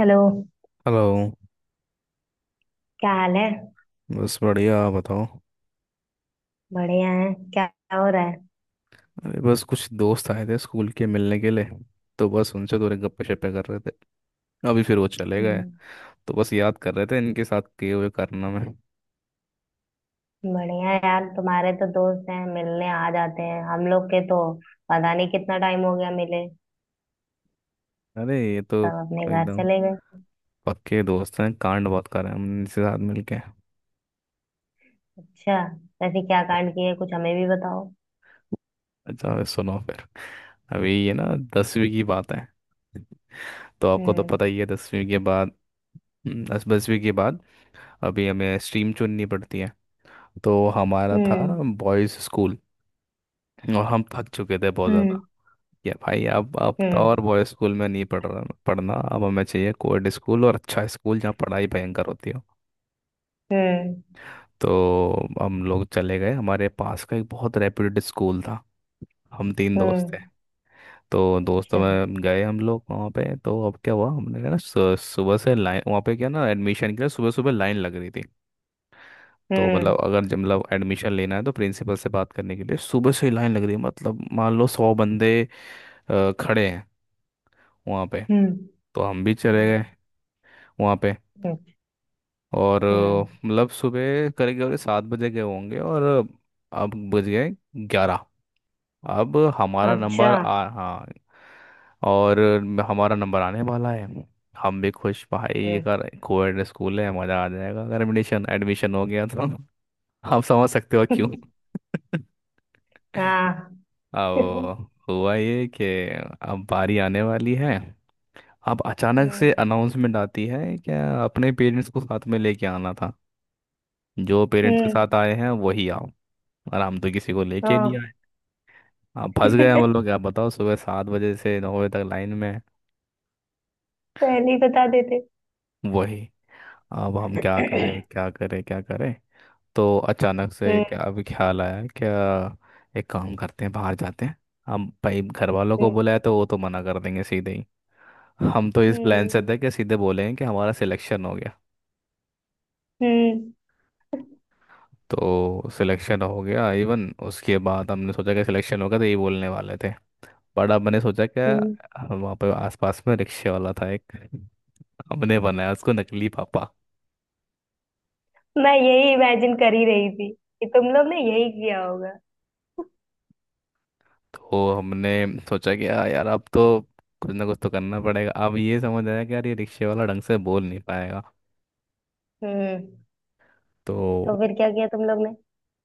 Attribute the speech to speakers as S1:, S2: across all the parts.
S1: Hello.
S2: Hello.
S1: क्या हाल है?
S2: बस बढ़िया, आप बताओ।
S1: बढ़िया है क्या हो रहा है?
S2: अरे बस कुछ दोस्त आए थे स्कूल के मिलने के लिए, तो बस उनसे थोड़े गप्पे शप्पे कर रहे थे। अभी फिर वो चले गए,
S1: हम्म।
S2: तो बस याद कर रहे थे इनके साथ किए हुए करना में।
S1: बढ़िया है यार, तुम्हारे तो दोस्त हैं, मिलने आ जाते हैं। हम लोग के तो पता नहीं कितना टाइम हो गया मिले,
S2: अरे ये तो
S1: सब अपने घर
S2: एकदम
S1: चले गए।
S2: पक्के दोस्त हैं। कांड बहुत कर रहे हैं हम इनके साथ मिलके।
S1: अच्छा। वैसे क्या कांड किए कुछ हमें भी बताओ।
S2: अच्छा अभी सुनो फिर, अभी ये ना 10वीं की बात है। तो आपको तो
S1: हम्म।
S2: पता ही है 10वीं के बाद, दस 10वीं के बाद अभी हमें स्ट्रीम चुननी पड़ती है। तो हमारा था
S1: हम्म।
S2: बॉयज़ स्कूल, और हम थक चुके थे बहुत ज़्यादा
S1: हम्म।
S2: कि भाई अब तो और
S1: हम्म।
S2: बॉय स्कूल में नहीं पढ़ रहा पढ़ना। अब हमें चाहिए कोएड स्कूल और अच्छा स्कूल जहाँ पढ़ाई भयंकर होती हो।
S1: हम्म।
S2: तो हम लोग चले गए, हमारे पास का एक बहुत रेप्यूटेड स्कूल था। हम तीन दोस्त
S1: हम्म।
S2: थे, तो दोस्तों
S1: अच्छा।
S2: में गए हम लोग वहाँ पे। तो अब क्या हुआ, हमने कहा ना सुबह से लाइन वहाँ पे क्या ना, एडमिशन के लिए सुबह सुबह लाइन लग रही थी। तो
S1: हम्म।
S2: मतलब अगर जब मतलब एडमिशन लेना है तो प्रिंसिपल से बात करने के लिए सुबह से ही लाइन लग रही है। मतलब मान लो 100 बंदे खड़े हैं वहाँ पे।
S1: हम्म।
S2: तो हम भी चले
S1: हम्म।
S2: गए वहाँ पे। और
S1: हम्म।
S2: मतलब सुबह करीब करीब 7 बजे गए होंगे, और अब बज गए 11। अब हमारा
S1: अच्छा।
S2: नंबर आ हाँ, और हमारा नंबर आने वाला है। हम भी खुश, भाई
S1: हम्म।
S2: अगर कोएड स्कूल है मज़ा आ जाएगा अगर एडमिशन एडमिशन हो गया तो। आप समझ सकते हो क्यों।
S1: हाँ।
S2: अब हुआ ये कि अब बारी आने वाली है। अब अचानक से
S1: हम्म।
S2: अनाउंसमेंट आती है क्या, अपने पेरेंट्स को साथ में लेके आना था। जो पेरेंट्स के
S1: हम्म।
S2: साथ आए हैं वही आओ। और हम तो किसी को लेके नहीं
S1: हाँ।
S2: आए। अब फंस गए हम लोग, क्या बताओ सुबह 7 बजे से 9 बजे तक लाइन में हैं।
S1: पहले ही बता देते।
S2: वही, अब हम क्या करें, क्या करें, क्या करें। तो अचानक से
S1: हम्म।
S2: क्या अभी ख्याल आया क्या, एक काम करते हैं बाहर जाते हैं। हम भाई घर वालों को
S1: हम्म।
S2: बुलाया तो वो तो मना कर देंगे सीधे ही। हम तो इस प्लान
S1: हम्म।
S2: से थे कि सीधे बोलेंगे कि हमारा सिलेक्शन हो गया।
S1: हम्म।
S2: तो सिलेक्शन हो गया इवन, उसके बाद हमने सोचा कि सिलेक्शन होगा तो ये बोलने वाले थे। बट अब मैंने सोचा कि
S1: हम्म।
S2: वहाँ पे आसपास में रिक्शे वाला था एक। हमने बनाया उसको नकली पापा।
S1: मैं यही इमेजिन कर ही रही थी कि तुम लोग ने यही किया होगा।
S2: तो हमने सोचा कि "आ, यार अब तो कुछ ना कुछ तो करना पड़ेगा। अब ये समझ आया कि यार ये रिक्शे वाला ढंग से बोल नहीं पाएगा।
S1: हम्म। तो
S2: तो
S1: फिर क्या किया तुम लोग ने?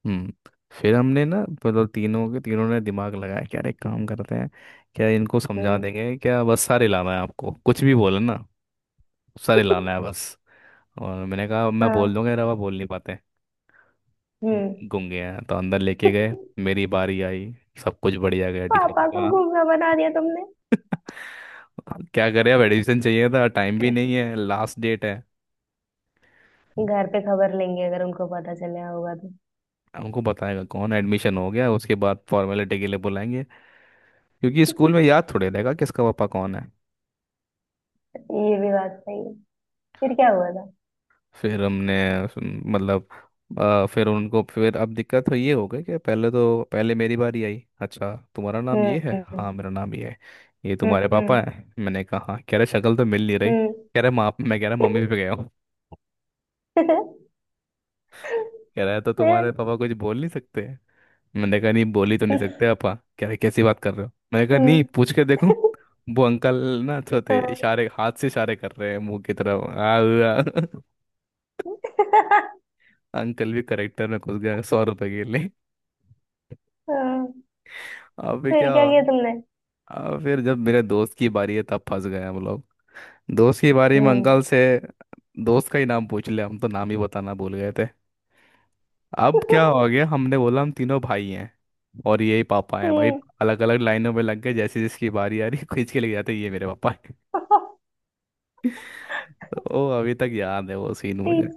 S2: हम्म फिर हमने ना मतलब तीनों के तीनों ने दिमाग लगाया कि यार एक काम करते हैं, क्या इनको समझा
S1: हम्म।
S2: देंगे क्या, बस सारे लाना है आपको कुछ भी बोले ना। सारे लाना है बस। और मैंने कहा मैं बोल
S1: हाँ।
S2: दूंगा, रवा बोल नहीं पाते
S1: हम्म।
S2: गूंगे हैं। तो अंदर लेके गए। मेरी बारी आई, सब कुछ बढ़िया गया। टीचर ने
S1: पापा को
S2: कहा
S1: घूमना बना दिया तुमने।
S2: "हाँ, क्या करें अब, एडमिशन चाहिए था, टाइम भी नहीं है लास्ट डेट है।
S1: घर पे खबर लेंगे अगर उनको पता चला होगा तो।
S2: हमको बताएगा कौन, एडमिशन हो गया उसके बाद फॉर्मेलिटी के लिए बुलाएंगे। क्योंकि स्कूल में याद थोड़े रहेगा किसका पापा कौन है।
S1: ये भी बात सही है। फिर क्या हुआ था?
S2: फिर हमने मतलब फिर उनको, फिर अब दिक्कत तो ये हो गई कि पहले तो, पहले मेरी बारी आई। अच्छा तुम्हारा नाम ये है,
S1: हम्म।
S2: हाँ मेरा नाम ये है। ये तुम्हारे
S1: हम्म।
S2: पापा है, मैंने कहा हाँ। कह रहे शक्ल तो मिल नहीं रही,
S1: हम्म।
S2: कह रहे माँ, मैं कह रहा मम्मी पे गया हूँ। कह रहा है तो
S1: हम्म।
S2: तुम्हारे पापा कुछ बोल नहीं सकते हैं?" मैंने कहा नहीं, बोल ही तो नहीं सकते पापा। कह रहे कैसी बात कर रहे हो, मैंने कहा नहीं
S1: हम्म।
S2: पूछ के देखो। वो अंकल ना तो थे,
S1: हाँ।
S2: इशारे हाथ से इशारे कर रहे हैं मुंह की तरफ आ, अंकल भी करेक्टर में घुस गया 100 रुपए के लिए।
S1: हाँ।
S2: अब भी
S1: फिर
S2: क्या,
S1: क्या किया तुमने?
S2: फिर जब मेरे दोस्त की बारी है तब फंस गए हम लोग। दोस्त की बारी में
S1: हम्म।
S2: अंकल से दोस्त का ही नाम पूछ लिया। हम तो नाम ही बताना भूल गए थे। अब क्या हो गया, हमने बोला हम तीनों भाई हैं और यही पापा हैं भाई।
S1: हम्म।
S2: अलग अलग लाइनों में लग गए, जैसे जिसकी बारी आ रही खींच के ले जाते ये मेरे पापा हैं। तो अभी तक याद है वो सीन
S1: टी,
S2: मुझे।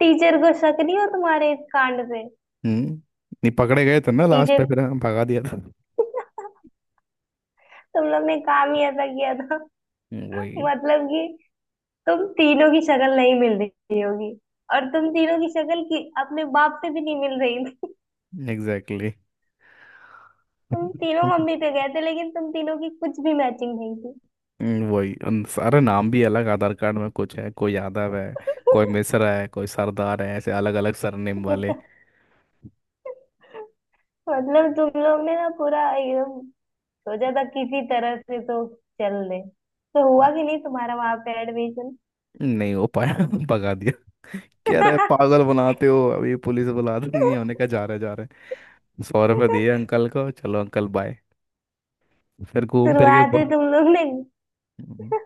S1: टीचर को शक नहीं हो तुम्हारे इस कांड पे?
S2: हम्म। नहीं पकड़े गए थे ना, लास्ट में
S1: टीचर,
S2: फिर हाँ, भगा दिया था।
S1: तुम लोग ने काम ही ऐसा किया था।
S2: वही।
S1: मतलब कि तुम तीनों की शक्ल नहीं मिल रही होगी, और तुम तीनों की शक्ल की अपने बाप से भी नहीं मिल रही थी।
S2: एग्जैक्टली।
S1: तुम तीनों मम्मी पे गए थे, लेकिन तुम तीनों की कुछ भी मैचिंग नहीं थी।
S2: वही उन सारे नाम भी अलग, आधार कार्ड में कुछ है, कोई यादव है, कोई मिश्रा है, कोई सरदार है, ऐसे अलग अलग सरनेम वाले।
S1: मतलब तुम लोग ने ना पूरा एकदम सोचा था किसी तरह से तो चल दे। तो हुआ कि नहीं तुम्हारा वहां पे एडमिशन?
S2: नहीं हो पाया। भगा दिया। कह रहे पागल बनाते हो अभी पुलिस बुला दूंगी, हमने कहा जा रहे जा रहे। सौ रुपये दिए अंकल को, चलो अंकल बाय। फिर घूम फिर के
S1: शुरुआत ही तुम लोग ने।
S2: हम्म,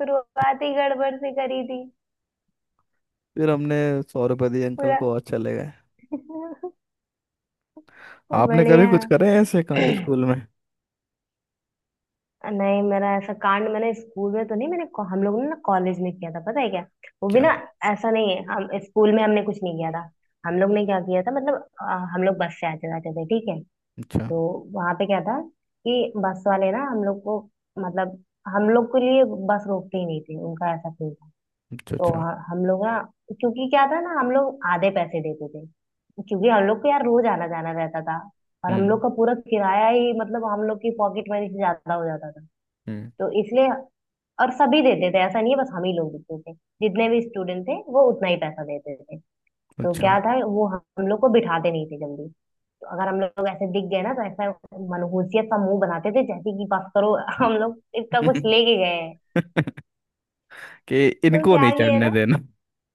S1: शुरुआत ही गड़बड़ से करी थी।
S2: फिर हमने 100 रुपये दिए अंकल
S1: पूरा।
S2: को और चले गए। आपने कभी
S1: बढ़िया।
S2: कुछ करे हैं ऐसे कांड स्कूल में?
S1: नहीं, मेरा ऐसा कांड मैंने स्कूल में तो नहीं। मैंने, हम लोगों ने ना कॉलेज में किया था, पता है क्या? वो भी
S2: क्या?
S1: ना। ऐसा नहीं है, हम स्कूल में हमने कुछ नहीं किया था। हम लोग ने क्या किया था? मतलब हम लोग बस से आते जाते थे, ठीक है?
S2: अच्छा।
S1: तो वहां पे क्या था कि बस वाले ना हम लोग को, मतलब हम लोग के लिए बस रोकते ही नहीं थे, उनका ऐसा थी।
S2: अच्छा।
S1: तो
S2: अच्छा।
S1: हम लोग ना, क्योंकि क्या था ना, हम लोग आधे पैसे देते थे, क्योंकि हम लोग को यार रोज आना जाना रहता था, और हम
S2: हम्म।
S1: लोग का पूरा किराया ही, मतलब हम लोग की पॉकेट मनी से ज्यादा हो जाता था।
S2: हम्म।
S1: तो इसलिए, और सभी देते थे, ऐसा नहीं है बस हम ही लोग देते थे। जितने भी स्टूडेंट थे वो उतना ही पैसा देते थे। तो
S2: अच्छा।
S1: क्या था, वो हम लोग को बिठाते नहीं थे जल्दी। तो अगर हम लोग ऐसे दिख गए ना तो ऐसा मनहूसियत सा मुंह बनाते थे जैसे कि बस करो, हम लोग इसका कुछ लेके गए हैं।
S2: कि
S1: तो
S2: इनको
S1: क्या
S2: नहीं
S1: किए
S2: चढ़ने
S1: ना,
S2: देना।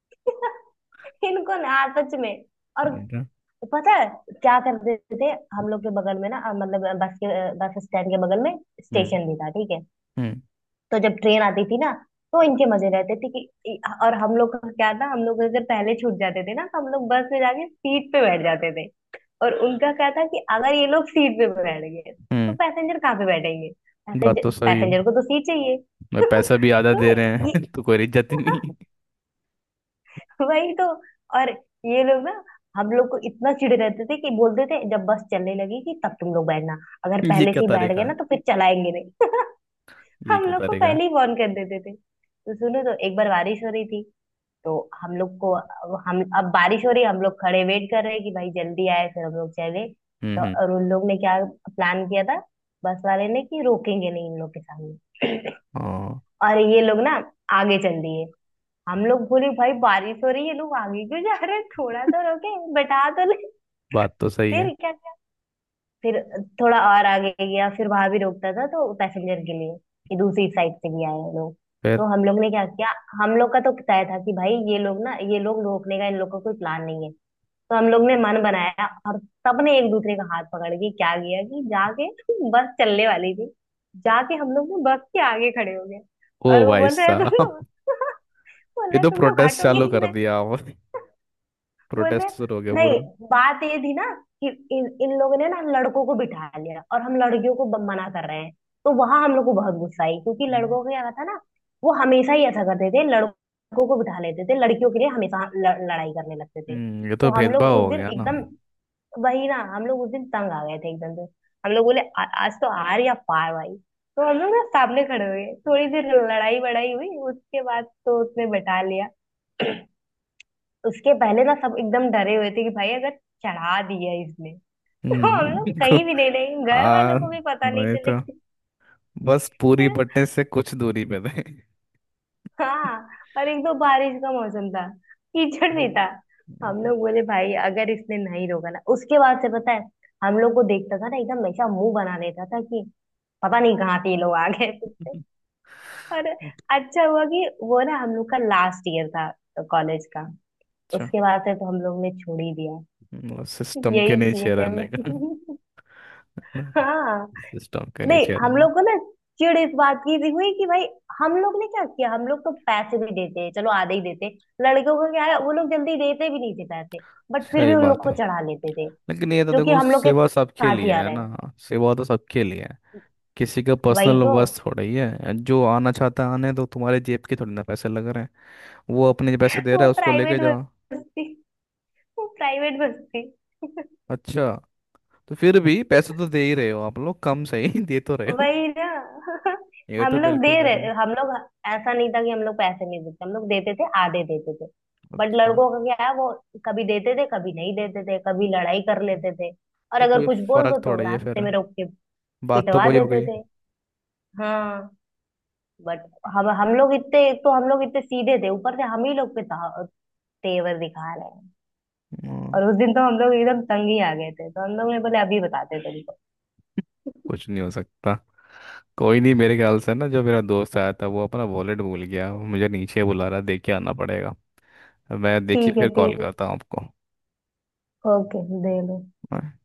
S1: इनको ना, सच में। और
S2: बेटा,
S1: तो पता है क्या कर देते थे? हम लोग के बगल में ना मतलब बस के बस स्टैंड के बगल में
S2: हम्म।
S1: स्टेशन भी था, ठीक है?
S2: हम्म।
S1: तो जब ट्रेन आती थी ना, तो इनके मजे रहते थे कि इ- और हम लोग का क्या था, हम लोग अगर पहले छूट जाते थे ना तो हम लोग बस में जाके सीट पे बैठ जाते थे। और उनका क्या था कि अगर ये लोग सीट पे बैठ गए तो
S2: हम्म।
S1: पैसेंजर कहाँ पे बैठेंगे,
S2: बात तो
S1: पैसेंजर
S2: सही है।
S1: पैसेंजर को तो सीट चाहिए।
S2: मैं पैसा भी आधा
S1: तो
S2: दे रहे
S1: ये,
S2: हैं तो कोई इज्जत ही नहीं।
S1: वही तो। और ये लोग ना हम लोग को इतना चिढ़ रहते थे कि बोलते थे जब बस चलने लगेगी तब तुम लोग बैठना, अगर
S2: ये
S1: पहले
S2: क्या
S1: से ही बैठ गए
S2: तरीका
S1: ना
S2: है।
S1: तो फिर चलाएंगे नहीं।
S2: ये
S1: हम
S2: क्या
S1: लोग को
S2: तरीका
S1: पहले ही
S2: है।
S1: वार्न कर देते थे। तो सुनो, तो एक बार बारिश हो रही थी, तो हम लोग को, हम अब बारिश हो रही है, हम लोग खड़े वेट कर रहे हैं कि भाई जल्दी आए फिर हम लोग चले।
S2: हम्म।
S1: तो
S2: हम्म।
S1: और उन लोग ने क्या प्लान किया था, बस वाले ने, कि रोकेंगे नहीं इन लोग के सामने।
S2: हाँ।
S1: और ये लोग ना आगे चल दिए। हम लोग बोले भाई बारिश हो रही है, लोग आगे क्यों जा रहे हैं, थोड़ा तो रोके, बैठा तो ले।
S2: बात तो सही है।
S1: फिर क्या क्या, फिर थोड़ा और आगे गया, फिर वहां भी रोकता था तो पैसेंजर के लिए, कि दूसरी साइड से भी आए हैं लोग। तो
S2: फिर?
S1: हम लोग ने क्या किया, हम लोग का तो तय था कि भाई ये लोग ना, ये लोग रोकने का इन लोग का कोई प्लान नहीं है। तो हम लोग ने मन बनाया, और सबने एक दूसरे का हाथ पकड़ के क्या किया कि जाके, बस चलने वाली थी, जाके हम लोग ना बस के आगे खड़े हो गए। और
S2: ओ
S1: वो
S2: भाई
S1: बोल रहे तुम लोग,
S2: साहब,
S1: बोल
S2: ये
S1: रहे
S2: तो
S1: तुम लोग
S2: प्रोटेस्ट
S1: हटोगे
S2: चालू
S1: कि
S2: कर
S1: नहीं।
S2: दिया और
S1: बोले
S2: प्रोटेस्ट शुरू हो गया पूरा।
S1: नहीं। बात ये थी ना कि इन इन लोगों ने ना हम लड़कों को बिठा लिया और हम लड़कियों को मना कर रहे हैं। तो वहां हम लोग को बहुत गुस्सा आई, क्योंकि
S2: हम्म।
S1: लड़कों का क्या था ना, वो हमेशा ही ऐसा करते थे, लड़कों को बिठा लेते थे, लड़कियों के लिए हमेशा लड़ाई करने लगते थे।
S2: हम्म, ये
S1: तो
S2: तो
S1: हम लोग
S2: भेदभाव
S1: उस
S2: हो
S1: दिन
S2: गया ना।
S1: एकदम, वही ना, हम लोग उस दिन तंग आ गए थे एकदम से। हम लोग बोले " आज तो आर या पार भाई। तो हम लोग ना सामने खड़े हुए थोड़ी देर, लड़ाई बड़ाई हुई, उसके बाद तो उसने बिठा लिया। उसके पहले ना सब एकदम डरे हुए थे कि भाई अगर चढ़ा दिया इसने, तो हम लोग
S2: हम्म।
S1: कहीं भी नहीं रहेंगे, घर
S2: आ,
S1: वालों को भी पता नहीं
S2: वही तो,
S1: चलेगी।
S2: बस पूरी बटने से कुछ दूरी पे थे।
S1: हाँ। और एक तो बारिश का मौसम था, कीचड़ भी
S2: हम्म,
S1: था।
S2: नहीं
S1: हम
S2: तो-
S1: लोग बोले भाई अगर इसने नहीं रोका ना। उसके बाद से पता है, हम लोग को देखता था ना एकदम ऐसा मुंह बना लेता था कि पता नहीं कहाँ से ये लोग आ गए फिर से। और अच्छा हुआ कि वो ना हम लोग का लास्ट ईयर था कॉलेज का।
S2: अच्छा।
S1: उसके बाद से तो हम लोग ने छोड़ ही दिया।
S2: सिस्टम के
S1: यही किए
S2: नीचे
S1: थे हम
S2: रहने का है
S1: लोग।
S2: ना,
S1: हाँ।
S2: सिस्टम के
S1: नहीं,
S2: नीचे
S1: हम
S2: रहने
S1: लोग
S2: का।
S1: को ना चिढ़ इस बात की भी हुई कि भाई, हम लोग ने क्या किया, हम लोग तो पैसे भी देते हैं, चलो आधे ही देते। लड़कियों का क्या है, वो लोग जल्दी देते भी नहीं थे पैसे, बट फिर भी
S2: सही
S1: उन लोग
S2: बात
S1: को
S2: है।
S1: चढ़ा लेते थे,
S2: लेकिन ये तो
S1: जो कि
S2: देखो
S1: हम लोग के
S2: सेवा सबके
S1: साथ ही
S2: लिए
S1: आ
S2: है
S1: रहे
S2: ना।
S1: हैं।
S2: सेवा तो सबके लिए है। किसी का
S1: वही
S2: पर्सनल
S1: तो।
S2: बस थोड़ी है, जो आना चाहता है आने दो, तुम्हारे जेब के थोड़ी ना पैसे लग रहे हैं। वो अपने पैसे दे रहा
S1: वो
S2: है, उसको
S1: प्राइवेट
S2: लेके जाओ।
S1: बस थी। वो प्राइवेट बस थी।
S2: अच्छा, तो फिर भी पैसे तो दे ही रहे हो आप लोग, कम सही दे तो रहे हो।
S1: वही ना।
S2: ये
S1: हम
S2: तो
S1: लोग दे
S2: बिल्कुल दे रहे
S1: रहे
S2: हैं।
S1: हम लोग। ऐसा नहीं था कि हम लोग पैसे नहीं देते, हम लोग देते थे, आधे देते थे। बट
S2: अच्छा,
S1: लड़कों का क्या है, वो कभी देते थे कभी नहीं देते थे, कभी लड़ाई कर लेते थे। और
S2: तो
S1: अगर
S2: कोई
S1: कुछ बोल
S2: फर्क
S1: दो तो
S2: थोड़ा ही है फिर,
S1: रास्ते में रोक के
S2: बात तो
S1: पिटवा
S2: वही हो
S1: देते
S2: गई।
S1: थे। हाँ। बट हम लोग इतने, एक तो हम लोग इतने सीधे थे, ऊपर से हम ही लोग पे तेवर दिखा रहे हैं।
S2: हाँ,
S1: और उस दिन तो हम लोग एकदम तंग ही आ गए थे तो हम लोग ने बोले अभी बताते तुमको।
S2: कुछ नहीं हो सकता। कोई नहीं, मेरे ख्याल से ना जो मेरा दोस्त आया था वो अपना वॉलेट भूल गया, वो मुझे नीचे बुला रहा है, देख के आना पड़ेगा। मैं देखिए
S1: ठीक है
S2: फिर कॉल
S1: ठीक है।
S2: करता हूँ आपको।
S1: ओके दे लो।
S2: हाँ।